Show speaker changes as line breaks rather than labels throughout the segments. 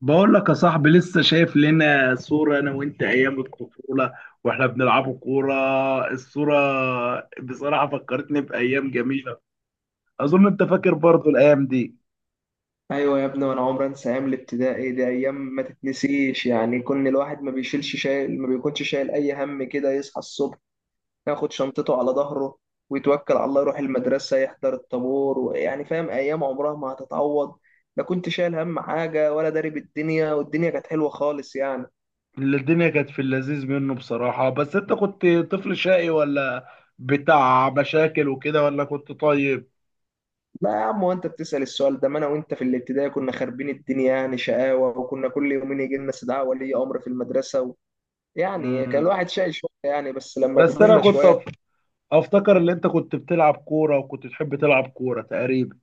بقول لك يا صاحبي، لسه شايف لنا صورة أنا وأنت أيام الطفولة وإحنا بنلعبوا كورة. الصورة بصراحة فكرتني بأيام جميلة. أظن أنت فاكر برضو الأيام دي.
ايوه يا ابني، وانا عمري انسى ايام الابتدائي دي. ايام ما تتنسيش يعني. كون الواحد ما بيشيلش شايل، ما بيكونش شايل اي هم كده. يصحى الصبح ياخد شنطته على ظهره ويتوكل على الله، يروح المدرسه يحضر الطابور، ويعني فاهم، ايام عمرها ما هتتعوض. لا كنت شايل هم حاجه ولا داري بالدنيا، والدنيا كانت حلوه خالص يعني.
اللي الدنيا كانت في اللذيذ منه بصراحة. بس أنت كنت طفل شقي ولا بتاع مشاكل وكده، ولا كنت طيب؟
لا يا عم، وانت بتسأل السؤال ده؟ ما انا وانت في الابتدائي كنا خاربين الدنيا يعني. شقاوه، وكنا كل يومين يجي لنا استدعاء ولي امر في المدرسه و... يعني كان
مم.
الواحد شايل شويه يعني، بس لما
بس أنا
كبرنا
كنت
شويه.
أفتكر إن أنت كنت بتلعب كورة وكنت تحب تلعب كورة تقريبا.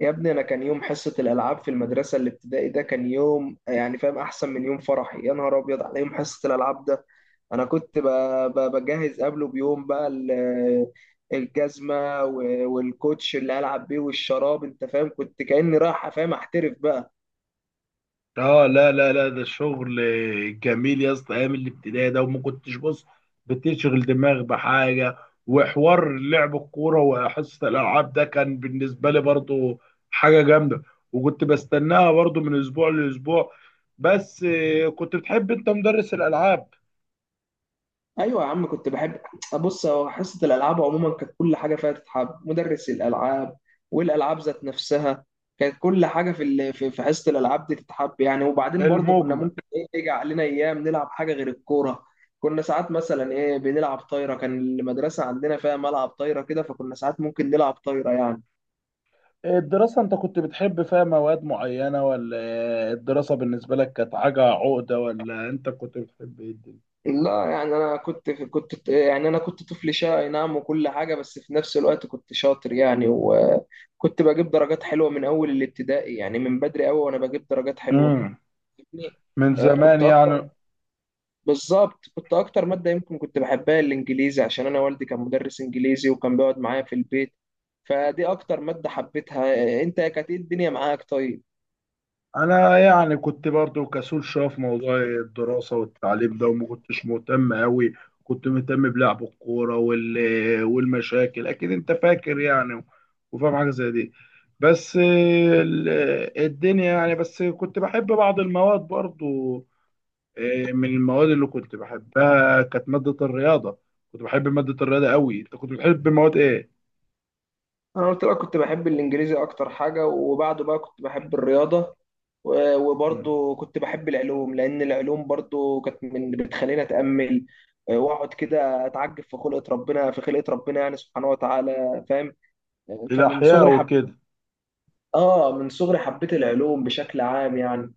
يا ابني انا كان يوم حصه الالعاب في المدرسه الابتدائي ده، كان يوم يعني فاهم؟ احسن من يوم فرحي. يا نهار ابيض على يوم حصه الالعاب ده. انا بجهز قبله بيوم بقى الجزمه والكوتش اللي العب بيه والشراب. انت فاهم؟ كنت كاني رايح، فاهم، احترف بقى.
اه، لا لا لا، ده شغل جميل يا اسطى، ايام الابتدائي ده. وما كنتش بتشغل دماغ بحاجه. وحوار لعب الكوره وحصه الالعاب ده كان بالنسبه لي برضو حاجه جامده. وكنت بستناها برضو من اسبوع لاسبوع. بس كنت بتحب انت مدرس الالعاب؟
ايوه يا عم كنت بحب. ابص، هو حصه الالعاب عموما كانت كل حاجه فيها تتحب. مدرس الالعاب والالعاب ذات نفسها، كانت كل حاجه في في حصه الالعاب دي تتحب يعني. وبعدين برضو كنا
المجمل،
ممكن ايه، يجي علينا ايام نلعب حاجه غير الكوره. كنا ساعات مثلا ايه، بنلعب طايره. كان المدرسه عندنا فيها ملعب طايره كده، فكنا ساعات ممكن نلعب طايره يعني.
الدراسه انت كنت بتحب فيها مواد معينه؟ ولا الدراسه بالنسبه لك كانت حاجه عقده؟ ولا انت كنت بتحب ايه الدنيا؟
لا يعني، انا كنت يعني، انا كنت طفل شقي نعم وكل حاجه. بس في نفس الوقت كنت شاطر يعني، وكنت بجيب درجات حلوه من اول الابتدائي يعني، من بدري قوي وانا بجيب درجات حلوه
امم
يعني.
من
آه،
زمان
كنت اكتر،
يعني.
بالظبط كنت اكتر ماده يمكن كنت بحبها الانجليزي، عشان انا والدي كان مدرس انجليزي وكان بيقعد معايا في البيت. فدي اكتر ماده حبيتها. آه، انت كانت ايه الدنيا معاك طيب؟
انا يعني كنت برضو كسول شويه في موضوع الدراسه والتعليم ده، وما كنتش مهتم قوي. كنت مهتم بلعب الكوره والمشاكل، اكيد انت فاكر يعني وفاهم حاجه زي دي. بس ال- الدنيا يعني. بس كنت بحب بعض المواد برضو. إيه، من المواد اللي كنت بحبها كانت ماده الرياضه. كنت بحب ماده الرياضه قوي. انت كنت بتحب مواد ايه؟
انا قلت بقى كنت بحب الانجليزي اكتر حاجه، وبعده بقى كنت بحب الرياضه.
مم.
وبرضه كنت بحب العلوم، لان العلوم برضه كانت من بتخليني اتامل. آه، واقعد كده اتعجب في خلقه ربنا، في خلقه ربنا يعني سبحانه وتعالى، فاهم؟ فمن
الاحياء
صغري حب،
وكده.
اه من صغري حبيت العلوم بشكل عام يعني.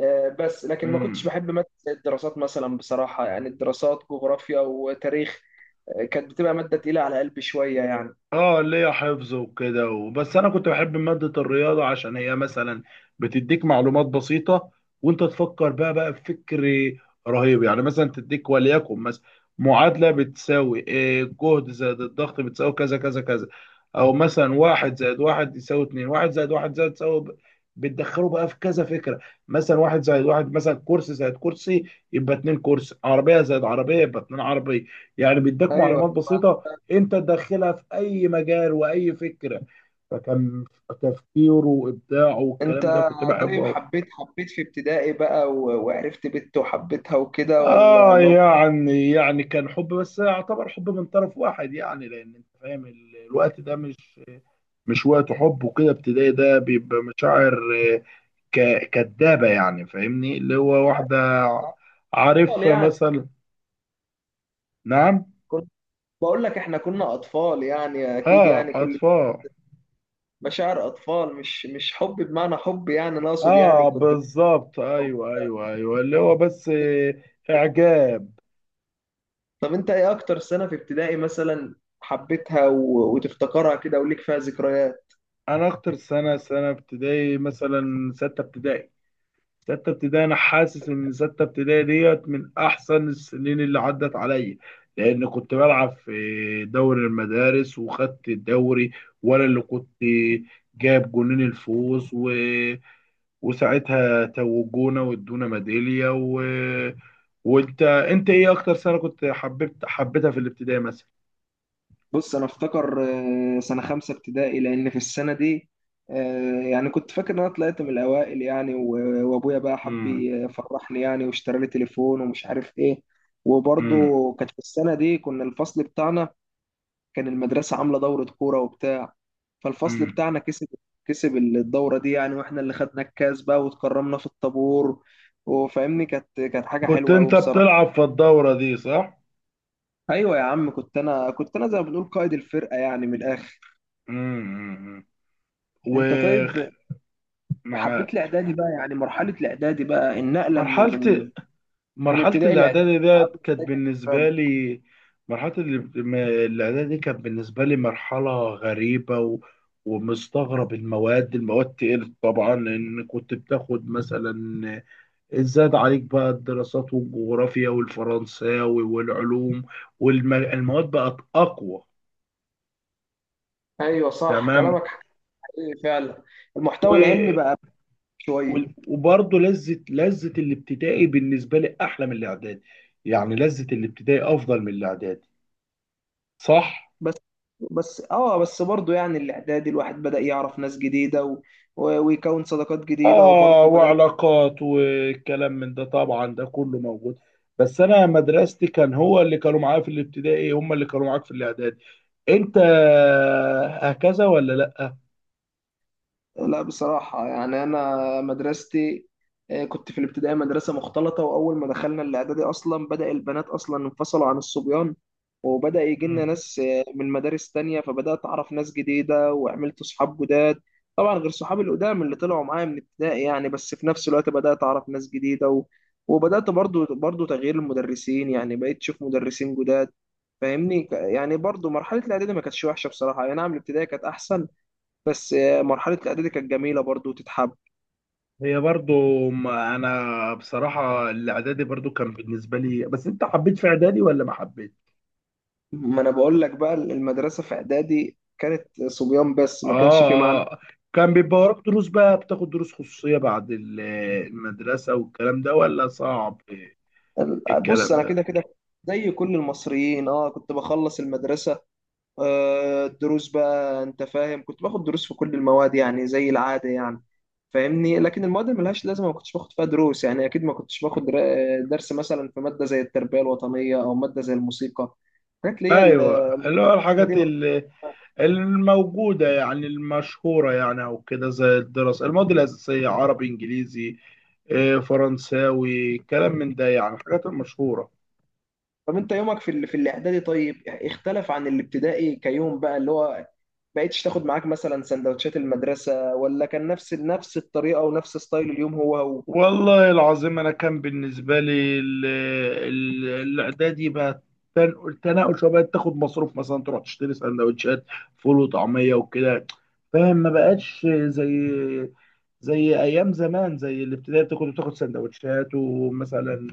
آه، بس لكن ما كنتش
مم.
بحب ماده زي الدراسات مثلا بصراحه يعني، الدراسات جغرافيا وتاريخ. آه، كانت بتبقى ماده تقيله على قلبي شويه يعني.
اه، ليا حفظ وكده. بس انا كنت بحب مادة الرياضة عشان هي مثلا بتديك معلومات بسيطة، وانت تفكر بقى بفكر رهيب يعني. مثلا تديك وليكن مثلا معادلة بتساوي إيه، جهد زائد الضغط بتساوي كذا كذا كذا. او مثلا واحد زائد واحد يساوي اتنين. واحد زائد واحد زائد تساوي ب- بتدخله بقى في كذا فكرة. مثلا واحد زائد واحد، مثلا كرسي زائد كرسي، يبقى اتنين كرسي. عربية زائد عربية يبقى اتنين عربية. يعني بيديك
ايوه.
معلومات بسيطة انت تدخلها في اي مجال واي فكره. فكان تفكيره وابداعه
انت
والكلام ده كنت بحبه
طيب،
قوي.
حبيت في ابتدائي بقى وعرفت بنت وحبيتها وكده ولا؟
اه يعني، يعني كان حب بس يعتبر حب من طرف واحد يعني. لان انت فاهم الوقت ده مش وقت حب وكده. ابتدائي ده بيبقى مشاعر آه، كدابه يعني. فاهمني اللي هو واحده
اطفال
عارفها
يعني.
مثلا. نعم.
كنت، بقول لك احنا كنا اطفال يعني، اكيد
اه،
يعني كل
اطفال.
مشاعر اطفال، مش حب بمعنى حب يعني. انا اقصد يعني
اه،
كنت.
بالظبط، ايوه ايوه ايوه. اللي هو بس آه، اعجاب.
طب انت ايه اكتر سنة في ابتدائي مثلا حبيتها و... وتفتكرها كده وليك فيها ذكريات؟
انا اكتر سنه ابتدائي مثلا سته ابتدائي انا حاسس ان سته ابتدائي ديت من احسن السنين اللي عدت عليا. لان كنت بلعب في دوري المدارس وخدت الدوري. وانا اللي كنت جاب جونين الفوز، و... وساعتها توجونا وادونا ميداليه. و... وانت، انت ايه اكتر سنه كنت حبيتها في الابتدائي مثلا؟
بص انا افتكر، آه، سنه خمسه ابتدائي، لان في السنه دي، آه، يعني كنت فاكر ان انا طلعت من الاوائل يعني، وابويا بقى حب
امم.
يفرحني يعني، واشترى لي تليفون ومش عارف ايه.
امم.
وبرضه كانت في السنه دي كنا الفصل بتاعنا، كان المدرسه عامله دوره كوره وبتاع، فالفصل
امم.
بتاعنا كسب، كسب الدوره دي يعني، واحنا اللي خدنا الكاس بقى واتكرمنا في الطابور، وفاهمني كانت حاجه
كنت
حلوه قوي
انت
بصراحه.
بتلعب في الدوره دي صح؟
ايوه يا عم كنت، انا كنت زي ما بنقول قائد الفرقه يعني من الاخر.
امم.
انت
ومع
طيب، حبيت الاعدادي بقى يعني؟ مرحله الاعدادي بقى، النقله من
مرحلة
من
مرحلة
ابتدائي
الإعدادي
لاعدادي عامل
ديت كانت
ازاي بالنسبه
بالنسبة لي
لك؟
مرحلة الإعدادي دي كانت بالنسبة لي مرحلة غريبة و... ومستغرب. المواد تقلت طبعا، لأن كنت بتاخد مثلا، زاد عليك بقى الدراسات والجغرافيا والفرنساوي والعلوم، والمواد بقت أقوى.
ايوه صح
تمام.
كلامك، حقيقي فعلا. المحتوى العلمي بقى شويه.
وبرضه لذه الابتدائي بالنسبه لي احلى من الاعدادي. يعني لذه الابتدائي افضل من الاعدادي صح.
بس، بس اه، بس برضه يعني الاعدادي الواحد بدأ يعرف ناس جديده و... ويكون صداقات جديده،
اه،
وبرضه بدأت.
وعلاقات والكلام من ده طبعا ده كله موجود. بس انا مدرستي كان هو اللي كانوا معايا في الابتدائي، هم اللي كانوا معاك في الاعدادي انت، هكذا ولا لا؟
لا بصراحة يعني أنا مدرستي، آه، كنت في الابتدائي مدرسة مختلطة، وأول ما دخلنا الإعدادي أصلا بدأ البنات أصلا انفصلوا عن الصبيان، وبدأ يجي لنا
مم.
ناس آه، من مدارس تانية، فبدأت أعرف ناس جديدة وعملت صحاب جداد. طبعا غير صحابي القدام اللي طلعوا معايا من ابتدائي يعني، بس في نفس الوقت بدأت أعرف ناس جديدة و... وبدأت برضو تغيير المدرسين يعني، بقيت أشوف مدرسين جداد. فاهمني يعني برضو مرحلة الإعدادي ما كانتش وحشة بصراحة يعني، نعم الابتدائي كانت أحسن، بس آه، مرحلة الإعدادي كانت جميلة برضو تتحب.
هي برضو، ما انا بصراحه الاعدادي برضو كان بالنسبه لي. بس انت حبيت في اعدادي ولا ما حبيت؟
ما أنا بقول لك بقى، المدرسة في إعدادي كانت صبيان بس، ما كانش في معنى.
اه اه. كان بيبقى وراك دروس بقى، بتاخد دروس خصوصية بعد المدرسة والكلام ده؟ ولا صعب
بص
الكلام
أنا
ده؟
كده كده زي كل المصريين، اه كنت بخلص المدرسة. آه، الدروس بقى، أنت فاهم كنت باخد دروس في كل المواد يعني زي العادة يعني. فاهمني، لكن المواد اللي ملهاش لازمة ما كنتش باخد فيها دروس يعني. أكيد ما كنتش باخد درس مثلا في مادة زي التربية الوطنية أو مادة زي الموسيقى، حاجات اللي هي
ايوه، اللي هو
القسمة دي
الحاجات
ما كنتش.
الموجودة يعني، المشهورة يعني. او كده زي الدراسة، المواد الأساسية، عربي، انجليزي، آه، فرنساوي، كلام من ده يعني الحاجات المشهورة.
طب انت يومك في في الاعدادي طيب، اختلف عن الابتدائي كيوم بقى؟ اللي هو بقيتش تاخد معاك مثلا سندوتشات المدرسة، ولا كان نفس الطريقة ونفس ستايل اليوم هو هو؟
والله العظيم انا كان بالنسبه لي الاعدادي بقى، تنقل شويه. بقت تاخد مصروف مثلا، تروح تشتري سندوتشات فول وطعميه وكده. فاهم، ما بقتش زي ايام زمان. زي الابتدائي بتاخد سندوتشات. ومثلا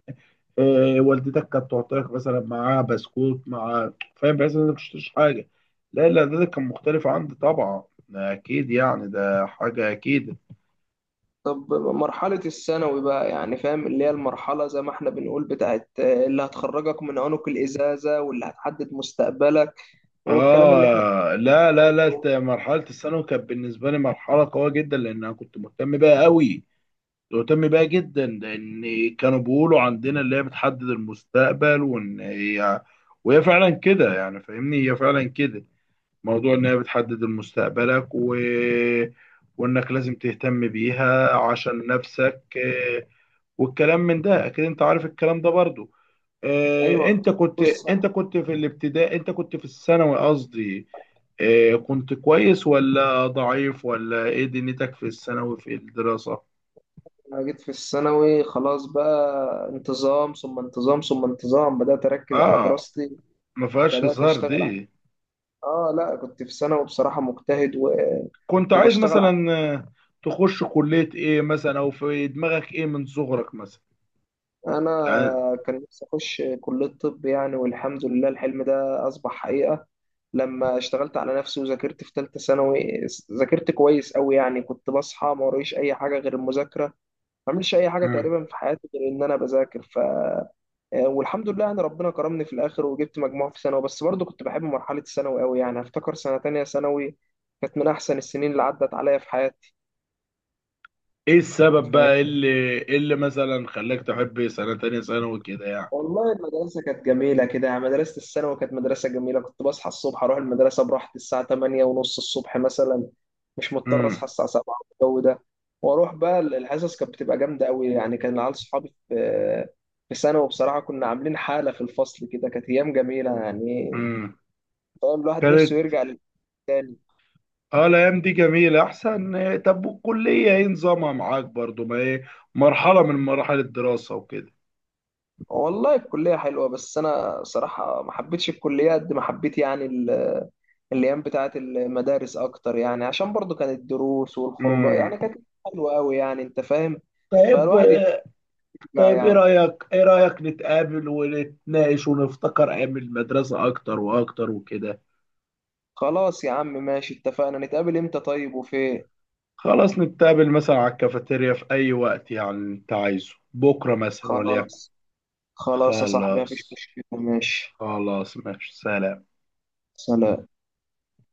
آه، والدتك كانت تعطيك مثلا معاها بسكوت، مع فاهم بحيث انك مش حاجه. لا لا، ده كان مختلف عندي طبعا. اكيد يعني ده حاجه اكيد.
طب مرحلة الثانوي بقى يعني، فاهم اللي هي المرحلة زي ما احنا بنقول بتاعت آه، اللي هتخرجك من عنق الإزازة واللي هتحدد مستقبلك، والكلام اللي احنا
اه، لا لا
بنقعد
لا،
نقول.
مرحله الثانوي كانت بالنسبه لي مرحله قويه جدا، لان انا كنت مهتم بيها قوي. كنت مهتم بيها جدا، لان كانوا بيقولوا عندنا اللي هي بتحدد المستقبل. وان هي، وهي فعلا كده يعني. فاهمني هي فعلا كده، موضوع ان هي بتحدد مستقبلك، و... وانك لازم تهتم بيها عشان نفسك. آه، والكلام من ده، اكيد انت عارف الكلام ده برضو. آه،
ايوه. بص
انت كنت في الابتدائي انت كنت في الثانوي قصدي. آه، كنت كويس ولا ضعيف ولا ايه دنيتك في الثانوي في الدراسة؟
انا جيت في الثانوي خلاص بقى، انتظام ثم انتظام ثم انتظام، بدأت اركز على
اه،
دراستي،
ما فيهاش
بدأت
هزار
اشتغل.
دي.
اه لا، كنت في ثانوي بصراحة مجتهد و...
كنت عايز
وبشتغل على،
مثلا آه، تخش كلية ايه مثلا، او في دماغك ايه من صغرك مثلا
انا
يعني؟
كان نفسي اخش كلية طب يعني. والحمد لله الحلم ده اصبح حقيقة لما اشتغلت على نفسي وذاكرت في ثالثة ثانوي. ذاكرت كويس قوي يعني، كنت بصحى ما وريش اي حاجة غير المذاكرة، ما بعملش اي حاجة
مم.
تقريبا في حياتي غير ان انا بذاكر. ف آه، والحمد لله يعني ربنا كرمني في الاخر وجبت مجموع في ثانوي. بس برضه كنت بحب مرحلة الثانوي قوي يعني، افتكر سنة تانية ثانوي كانت من احسن السنين اللي عدت عليا في حياتي.
ايه السبب
فاهم؟
بقى اللي مثلا خلاك تحب سنة تانية ثانوي كده يعني؟
والله المدرسة كانت جميلة كده يعني، مدرسة الثانوي كانت مدرسة جميلة، كنت بصحى الصبح أروح المدرسة براحتي الساعة 8 ونص الصبح مثلا، مش مضطر
امم.
أصحى الساعة 7 والجو ده. وأروح بقى الحصص كانت بتبقى جامدة أوي يعني، كان العيال صحابي في، في ثانوي بصراحة كنا عاملين حالة في الفصل كده، كانت أيام جميلة يعني.
امم.
فاهم الواحد نفسه
كانت،
يرجع للتاني.
اه الايام دي جميله احسن. آه، طب والكليه ايه نظامها معاك برضو؟ ما ايه، مرحله من مراحل الدراسه وكده.
والله الكلية حلوة، بس أنا صراحة ما حبيتش الكلية قد ما حبيت يعني الأيام بتاعة المدارس أكتر يعني، عشان برضو كانت الدروس والخروجات
امم.
يعني كانت حلوة أوي يعني، أنت فاهم؟
طيب.
فالواحد يترجع
طيب
يعني.
ايه رايك نتقابل ونتناقش ونفتكر ايام المدرسه اكتر واكتر وكده؟
خلاص يا عم ماشي، اتفقنا نتقابل إمتى طيب وفين؟
خلاص نتقابل مثلا على الكافيتيريا في اي وقت، يعني انت عايزه بكره مثلا وليكن.
خلاص، خلاص يا صاحبي مفيش
خلاص.
مشكلة، ماشي.
خلاص ماشي، سلام.
سلام.